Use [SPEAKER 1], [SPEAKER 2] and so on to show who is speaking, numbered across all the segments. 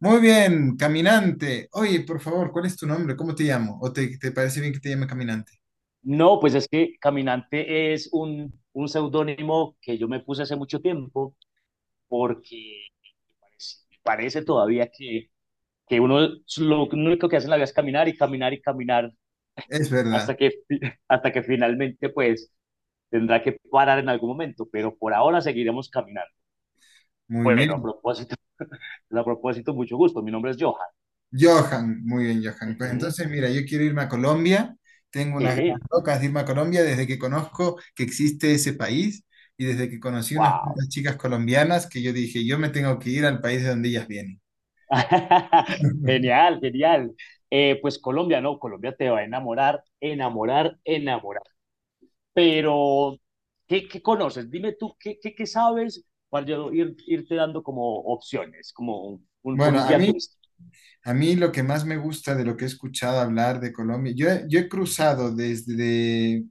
[SPEAKER 1] Muy bien, caminante. Oye, por favor, ¿cuál es tu nombre? ¿Cómo te llamo? ¿O te parece bien que te llame caminante?
[SPEAKER 2] No, pues es que Caminante es un seudónimo que yo me puse hace mucho tiempo porque parece, parece todavía que uno lo único que hace en la vida es caminar y caminar y caminar
[SPEAKER 1] Es verdad.
[SPEAKER 2] hasta hasta que finalmente pues tendrá que parar en algún momento, pero por ahora seguiremos caminando.
[SPEAKER 1] Muy
[SPEAKER 2] Bueno, a
[SPEAKER 1] bien.
[SPEAKER 2] propósito, a propósito, mucho gusto. Mi nombre es Johan.
[SPEAKER 1] Johan, muy bien, Johan. Pues
[SPEAKER 2] Ujú.
[SPEAKER 1] entonces, mira, yo quiero irme a Colombia. Tengo unas ganas
[SPEAKER 2] Sí,
[SPEAKER 1] locas de irme a Colombia desde que conozco que existe ese país y desde que conocí unas
[SPEAKER 2] wow.
[SPEAKER 1] cuantas chicas colombianas que yo dije, yo me tengo que ir al país de donde ellas vienen.
[SPEAKER 2] Genial, genial. Pues Colombia, no, Colombia te va a enamorar, enamorar, enamorar. Pero, qué conoces? Dime tú, qué sabes para yo ir, irte dando como opciones, como como
[SPEAKER 1] Bueno,
[SPEAKER 2] un
[SPEAKER 1] a
[SPEAKER 2] guía
[SPEAKER 1] mí,
[SPEAKER 2] turístico?
[SPEAKER 1] a mí lo que más me gusta de lo que he escuchado hablar de Colombia, yo, yo he cruzado desde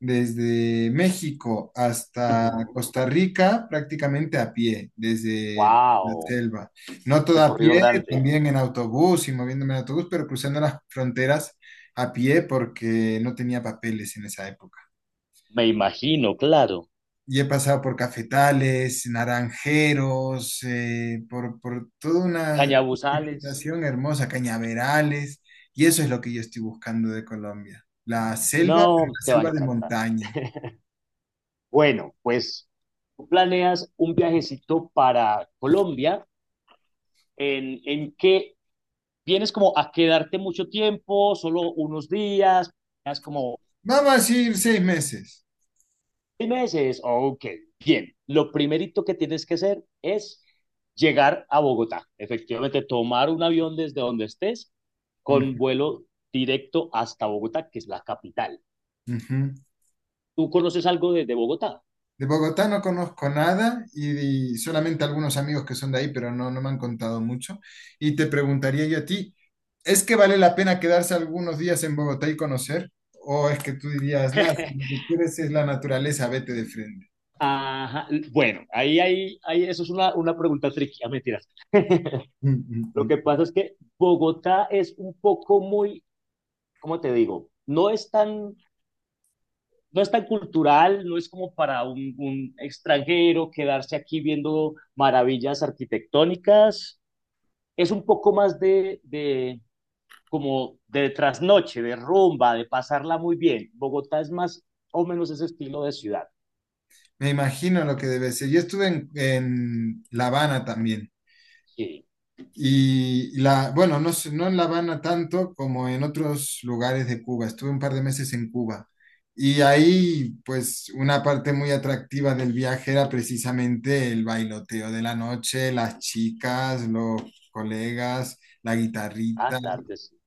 [SPEAKER 1] desde México hasta
[SPEAKER 2] Ujú.
[SPEAKER 1] Costa Rica prácticamente a pie, desde la
[SPEAKER 2] Wow,
[SPEAKER 1] selva. No todo a
[SPEAKER 2] recorrido
[SPEAKER 1] pie,
[SPEAKER 2] grande.
[SPEAKER 1] también en autobús y moviéndome en autobús, pero cruzando las fronteras a pie porque no tenía papeles en esa época.
[SPEAKER 2] Me imagino, claro.
[SPEAKER 1] Y he pasado por cafetales, naranjeros, por toda una
[SPEAKER 2] Cañabuzales,
[SPEAKER 1] vegetación hermosa, cañaverales, y eso es lo que yo estoy buscando de Colombia. La selva, pero
[SPEAKER 2] no,
[SPEAKER 1] la
[SPEAKER 2] te va a
[SPEAKER 1] selva de
[SPEAKER 2] encantar.
[SPEAKER 1] montaña.
[SPEAKER 2] Bueno, pues tú planeas un viajecito para Colombia. En qué vienes como a quedarte mucho tiempo, solo unos días, es como
[SPEAKER 1] Vamos a decir 6 meses.
[SPEAKER 2] 6 meses? Ok, bien. Lo primerito que tienes que hacer es llegar a Bogotá, efectivamente tomar un avión desde donde estés con
[SPEAKER 1] Ujú,
[SPEAKER 2] vuelo directo hasta Bogotá, que es la capital.
[SPEAKER 1] ujú.
[SPEAKER 2] ¿Tú conoces algo de Bogotá?
[SPEAKER 1] De Bogotá no conozco nada y, y solamente algunos amigos que son de ahí, pero no, no me han contado mucho. Y te preguntaría yo a ti, ¿es que vale la pena quedarse algunos días en Bogotá y conocer? ¿O es que tú dirías, nada, si lo que quieres es la naturaleza, vete de frente?
[SPEAKER 2] Ajá, bueno, ahí, eso es una pregunta tricky, ah, mentiras.
[SPEAKER 1] Mm, mm,
[SPEAKER 2] Lo que
[SPEAKER 1] mm.
[SPEAKER 2] pasa es que Bogotá es un poco muy, ¿cómo te digo? No es tan cultural, no es como para un extranjero quedarse aquí viendo maravillas arquitectónicas. Es un poco más de como de trasnoche, de rumba, de pasarla muy bien. Bogotá es más o menos ese estilo de ciudad.
[SPEAKER 1] Me imagino lo que debe ser. Yo estuve en La Habana también.
[SPEAKER 2] Sí,
[SPEAKER 1] Y la, bueno, no, sé, no en La Habana tanto como en otros lugares de Cuba. Estuve un par de meses en Cuba. Y ahí, pues, una parte muy atractiva del viaje era precisamente el bailoteo de la noche, las chicas, los colegas, la
[SPEAKER 2] ah,
[SPEAKER 1] guitarrita.
[SPEAKER 2] claro que sí.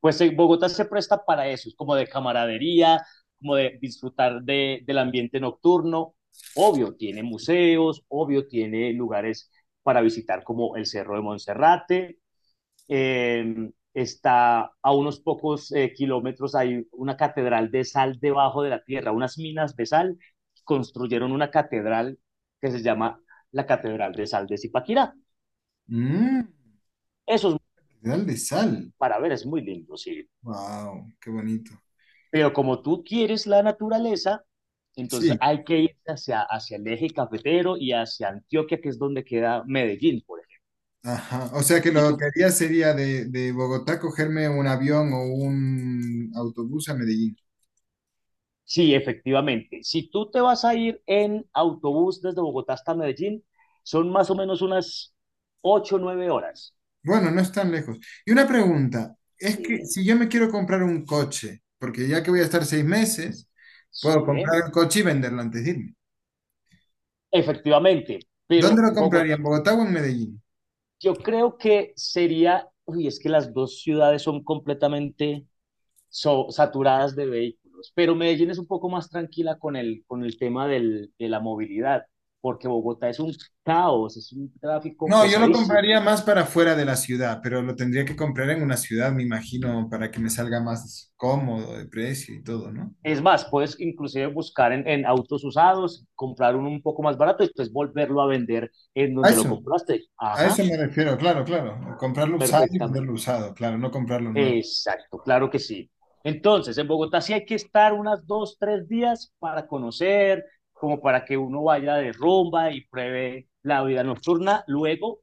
[SPEAKER 2] Pues Bogotá se presta para eso, es como de camaradería, como de disfrutar del ambiente nocturno. Obvio, tiene museos, obvio, tiene lugares para visitar como el Cerro de Monserrate, está a unos pocos kilómetros, hay una catedral de sal debajo de la tierra, unas minas de sal, construyeron una catedral que se llama la Catedral de Sal de Zipaquirá.
[SPEAKER 1] Mmm,
[SPEAKER 2] Eso es
[SPEAKER 1] pedal de sal.
[SPEAKER 2] para ver, es muy lindo, sí.
[SPEAKER 1] Wow, qué bonito.
[SPEAKER 2] Pero como tú quieres la naturaleza, entonces
[SPEAKER 1] Sí,
[SPEAKER 2] hay que ir hacia el eje cafetero y hacia Antioquia, que es donde queda Medellín, por ejemplo.
[SPEAKER 1] ajá. O sea que
[SPEAKER 2] Y
[SPEAKER 1] lo
[SPEAKER 2] tú
[SPEAKER 1] que haría sería de Bogotá cogerme un avión o un autobús a Medellín.
[SPEAKER 2] sí, efectivamente. Si tú te vas a ir en autobús desde Bogotá hasta Medellín, son más o menos unas ocho o 9 horas.
[SPEAKER 1] Bueno, no es tan lejos. Y una pregunta, es que
[SPEAKER 2] Sí,
[SPEAKER 1] si yo me quiero comprar un coche, porque ya que voy a estar 6 meses, puedo
[SPEAKER 2] sí,
[SPEAKER 1] comprar
[SPEAKER 2] ¿eh?
[SPEAKER 1] el coche y venderlo antes de irme.
[SPEAKER 2] Efectivamente.
[SPEAKER 1] ¿Dónde
[SPEAKER 2] Pero
[SPEAKER 1] lo compraría?
[SPEAKER 2] Bogotá,
[SPEAKER 1] ¿En Bogotá o en Medellín?
[SPEAKER 2] yo creo que sería, uy, es que las dos ciudades son completamente saturadas de vehículos, pero Medellín es un poco más tranquila con el tema de la movilidad, porque Bogotá es un caos, es un tráfico
[SPEAKER 1] No, yo lo
[SPEAKER 2] pesadísimo.
[SPEAKER 1] compraría más para fuera de la ciudad, pero lo tendría que comprar en una ciudad, me imagino, para que me salga más cómodo de precio y todo, ¿no?
[SPEAKER 2] Es más, puedes inclusive buscar en autos usados, comprar uno un poco más barato y después volverlo a vender en
[SPEAKER 1] A
[SPEAKER 2] donde lo
[SPEAKER 1] eso,
[SPEAKER 2] compraste.
[SPEAKER 1] a
[SPEAKER 2] Ajá,
[SPEAKER 1] eso me refiero, claro, claro. Comprarlo usado y
[SPEAKER 2] perfectamente.
[SPEAKER 1] venderlo usado, claro, no comprarlo nuevo.
[SPEAKER 2] Exacto, claro que sí. Entonces, en Bogotá sí hay que estar unas 2, 3 días para conocer, como para que uno vaya de rumba y pruebe la vida nocturna. Luego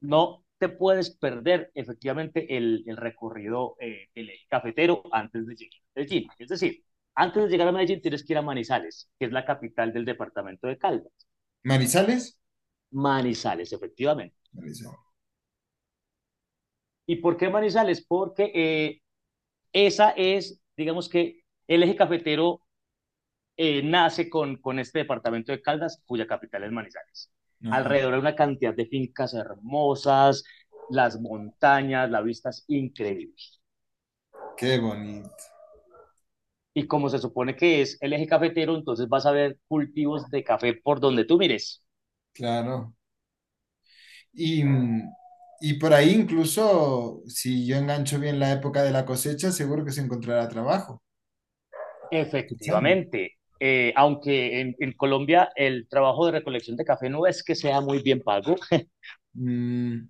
[SPEAKER 2] no te puedes perder efectivamente el recorrido del eje cafetero antes de llegar a Medellín. Es decir, antes de llegar a Medellín tienes que ir a Manizales, que es la capital del departamento de Caldas.
[SPEAKER 1] ¿Marizales?
[SPEAKER 2] Manizales, efectivamente.
[SPEAKER 1] Marizales.
[SPEAKER 2] ¿Y por qué Manizales? Porque esa es, digamos que el eje cafetero nace con este departamento de Caldas, cuya capital es Manizales.
[SPEAKER 1] Ajá,
[SPEAKER 2] Alrededor hay una cantidad de fincas hermosas, las montañas, la vista es increíble.
[SPEAKER 1] qué bonito,
[SPEAKER 2] Y como se supone que es el eje cafetero, entonces vas a ver cultivos de café por donde tú mires.
[SPEAKER 1] claro. Y, y por ahí incluso, si yo engancho bien la época de la cosecha, seguro que se encontrará trabajo. Cosechando.
[SPEAKER 2] Efectivamente, aunque en Colombia el trabajo de recolección de café no es que sea muy bien pago,
[SPEAKER 1] Mm,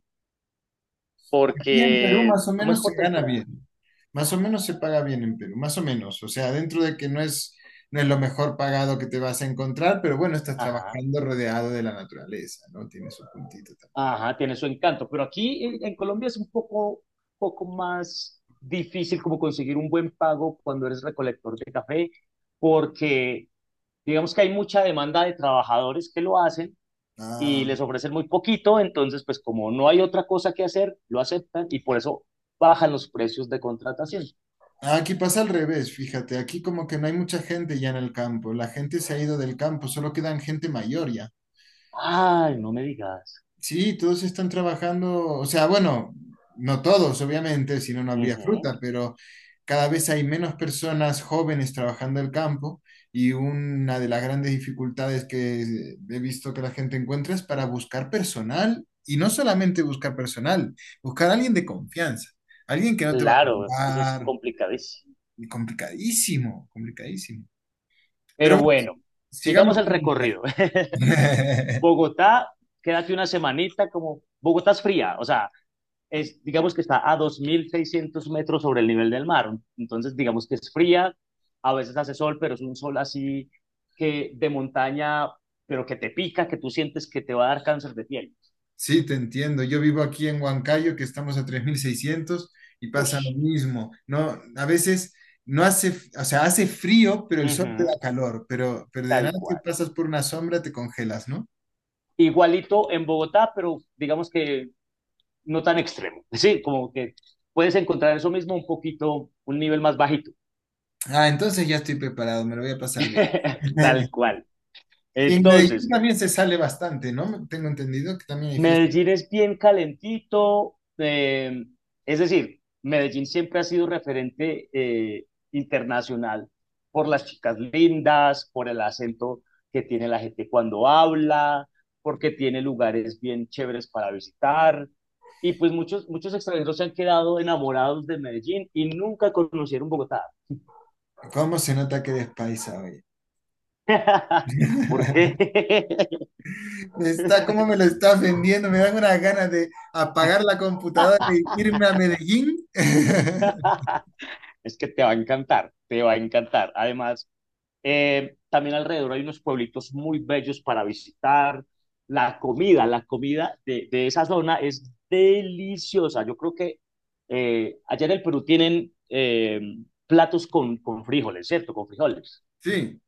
[SPEAKER 1] aquí en Perú
[SPEAKER 2] porque
[SPEAKER 1] más o
[SPEAKER 2] como es
[SPEAKER 1] menos
[SPEAKER 2] por
[SPEAKER 1] se gana
[SPEAKER 2] temporada,
[SPEAKER 1] bien, más o menos se paga bien en Perú, más o menos. O sea, dentro de que no es, no es lo mejor pagado que te vas a encontrar, pero bueno, estás
[SPEAKER 2] ajá,
[SPEAKER 1] trabajando rodeado de la naturaleza, ¿no? Tiene su puntito también.
[SPEAKER 2] ajá, tiene su encanto, pero aquí en Colombia es un poco más difícil como conseguir un buen pago cuando eres recolector de café, porque digamos que hay mucha demanda de trabajadores que lo hacen y
[SPEAKER 1] Ah,
[SPEAKER 2] les ofrecen muy poquito, entonces pues como no hay otra cosa que hacer, lo aceptan y por eso bajan los precios de contratación.
[SPEAKER 1] aquí pasa al revés, fíjate, aquí como que no hay mucha gente ya en el campo, la gente se ha ido del campo, solo quedan gente mayor ya.
[SPEAKER 2] Ay, no me digas.
[SPEAKER 1] Sí, todos están trabajando, o sea, bueno, no todos, obviamente, si no, no habría
[SPEAKER 2] Ujú.
[SPEAKER 1] fruta, pero cada vez hay menos personas jóvenes trabajando el campo y una de las grandes dificultades que he visto que la gente encuentra es para buscar personal y no solamente buscar personal, buscar a alguien de confianza, alguien que no te va a
[SPEAKER 2] Claro, es que eso es
[SPEAKER 1] robar,
[SPEAKER 2] complicadísimo.
[SPEAKER 1] y complicadísimo, complicadísimo. Pero
[SPEAKER 2] Pero
[SPEAKER 1] bueno,
[SPEAKER 2] bueno, sigamos
[SPEAKER 1] sigamos
[SPEAKER 2] el
[SPEAKER 1] con...
[SPEAKER 2] recorrido. Bogotá, quédate una semanita como... Bogotá es fría, o sea, es, digamos que está a 2600 metros sobre el nivel del mar. Entonces, digamos que es fría, a veces hace sol, pero es un sol así que de montaña, pero que te pica, que tú sientes que te va a dar cáncer de piel.
[SPEAKER 1] Sí, te entiendo. Yo vivo aquí en Huancayo, que estamos a 3.600 y pasa lo
[SPEAKER 2] Ush.
[SPEAKER 1] mismo. No, a veces no hace, o sea, hace frío, pero el sol te
[SPEAKER 2] Ujú.
[SPEAKER 1] da calor, pero de
[SPEAKER 2] Tal
[SPEAKER 1] nada que
[SPEAKER 2] cual.
[SPEAKER 1] pasas por una sombra te congelas, ¿no?
[SPEAKER 2] Igualito en Bogotá, pero digamos que no tan extremo. Sí, como que puedes encontrar eso mismo un poquito, un nivel más bajito.
[SPEAKER 1] Ah, entonces ya estoy preparado, me lo voy a pasar bien.
[SPEAKER 2] Tal cual.
[SPEAKER 1] Y en Medellín
[SPEAKER 2] Entonces,
[SPEAKER 1] también se sale bastante, ¿no? Tengo entendido que también hay fiesta.
[SPEAKER 2] Medellín es bien calentito, es decir, Medellín siempre ha sido referente eh, internacional por las chicas lindas, por el acento que tiene la gente cuando habla, porque tiene lugares bien chéveres para visitar. Y pues muchos extranjeros se han quedado enamorados de Medellín y nunca conocieron Bogotá.
[SPEAKER 1] ¿Cómo se nota que eres paisa hoy?
[SPEAKER 2] ¿Por qué?
[SPEAKER 1] Me Está, ¿cómo me lo estás vendiendo? Me dan unas ganas de apagar la computadora y irme a Medellín.
[SPEAKER 2] Es que te va a encantar, te va a encantar. Además, también alrededor hay unos pueblitos muy bellos para visitar. La comida de esa zona es deliciosa. Yo creo que allá en el Perú tienen platos con frijoles, ¿cierto? Con frijoles.
[SPEAKER 1] Sí,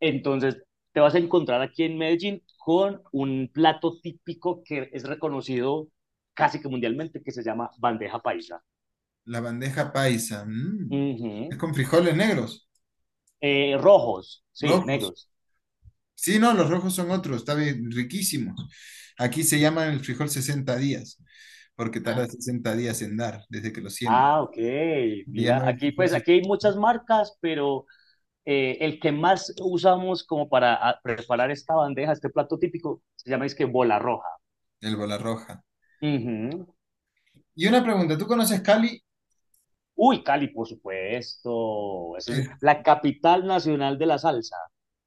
[SPEAKER 2] Entonces, te vas a encontrar aquí en Medellín con un plato típico que es reconocido casi que mundialmente, que se llama bandeja paisa.
[SPEAKER 1] la bandeja paisa. Mm. Es
[SPEAKER 2] Ujú.
[SPEAKER 1] con frijoles negros,
[SPEAKER 2] Rojos, sí,
[SPEAKER 1] rojos.
[SPEAKER 2] negros.
[SPEAKER 1] Sí, no, los rojos son otros, está bien, riquísimos. Aquí se llaman el frijol 60 días, porque tarda 60 días en dar desde que lo siembran.
[SPEAKER 2] Ah, ok.
[SPEAKER 1] Le
[SPEAKER 2] Mira,
[SPEAKER 1] llaman el
[SPEAKER 2] aquí
[SPEAKER 1] frijol
[SPEAKER 2] pues aquí hay muchas marcas, pero el que más usamos como para preparar esta bandeja, este plato típico, se llama es que bola roja.
[SPEAKER 1] el bola roja.
[SPEAKER 2] Ujú.
[SPEAKER 1] Y una pregunta, ¿tú conoces Cali?
[SPEAKER 2] Uy, Cali, por supuesto. Eso es
[SPEAKER 1] Eh,
[SPEAKER 2] la capital nacional de la salsa.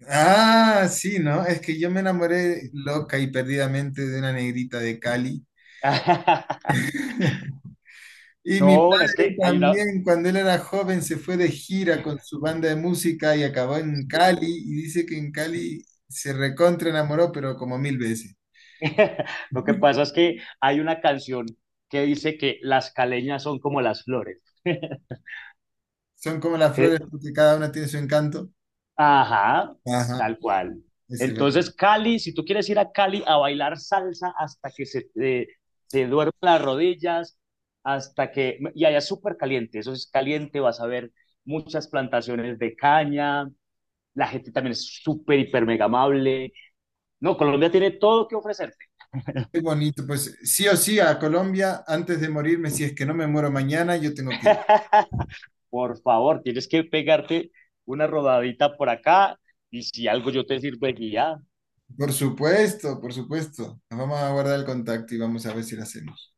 [SPEAKER 1] ah, sí, ¿no? Es que yo me enamoré loca y perdidamente de una negrita de Cali. Y mi
[SPEAKER 2] No, es
[SPEAKER 1] padre
[SPEAKER 2] que hay una.
[SPEAKER 1] también, cuando él era joven, se fue de gira con su banda de música y acabó en
[SPEAKER 2] Sí.
[SPEAKER 1] Cali. Y dice que en Cali se recontra enamoró, pero como 1.000 veces.
[SPEAKER 2] Lo que pasa es que hay una canción que dice que las caleñas son como las flores.
[SPEAKER 1] Son como las flores,
[SPEAKER 2] E-
[SPEAKER 1] porque cada una tiene su encanto.
[SPEAKER 2] Ajá,
[SPEAKER 1] Ajá,
[SPEAKER 2] tal cual.
[SPEAKER 1] ese es verdad.
[SPEAKER 2] Entonces, Cali, si tú quieres ir a Cali a bailar salsa hasta que se te, te duermen las rodillas, hasta que... Y allá es súper caliente, eso es caliente, vas a ver muchas plantaciones de caña, la gente también es súper, hiper, mega amable. No, Colombia tiene todo que ofrecerte.
[SPEAKER 1] Qué bonito. Pues sí o sí, a Colombia, antes de morirme, si es que no me muero mañana, yo tengo que ir.
[SPEAKER 2] Por favor, tienes que pegarte una rodadita por acá y si algo yo te sirvo de guía,
[SPEAKER 1] Por supuesto, por supuesto. Nos vamos a guardar el contacto y vamos a ver si lo hacemos.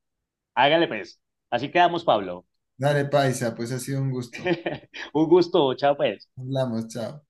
[SPEAKER 2] hágale pues. Así quedamos, Pablo.
[SPEAKER 1] Dale, paisa, pues ha sido un gusto.
[SPEAKER 2] Un gusto, chao pues.
[SPEAKER 1] Hablamos, chao.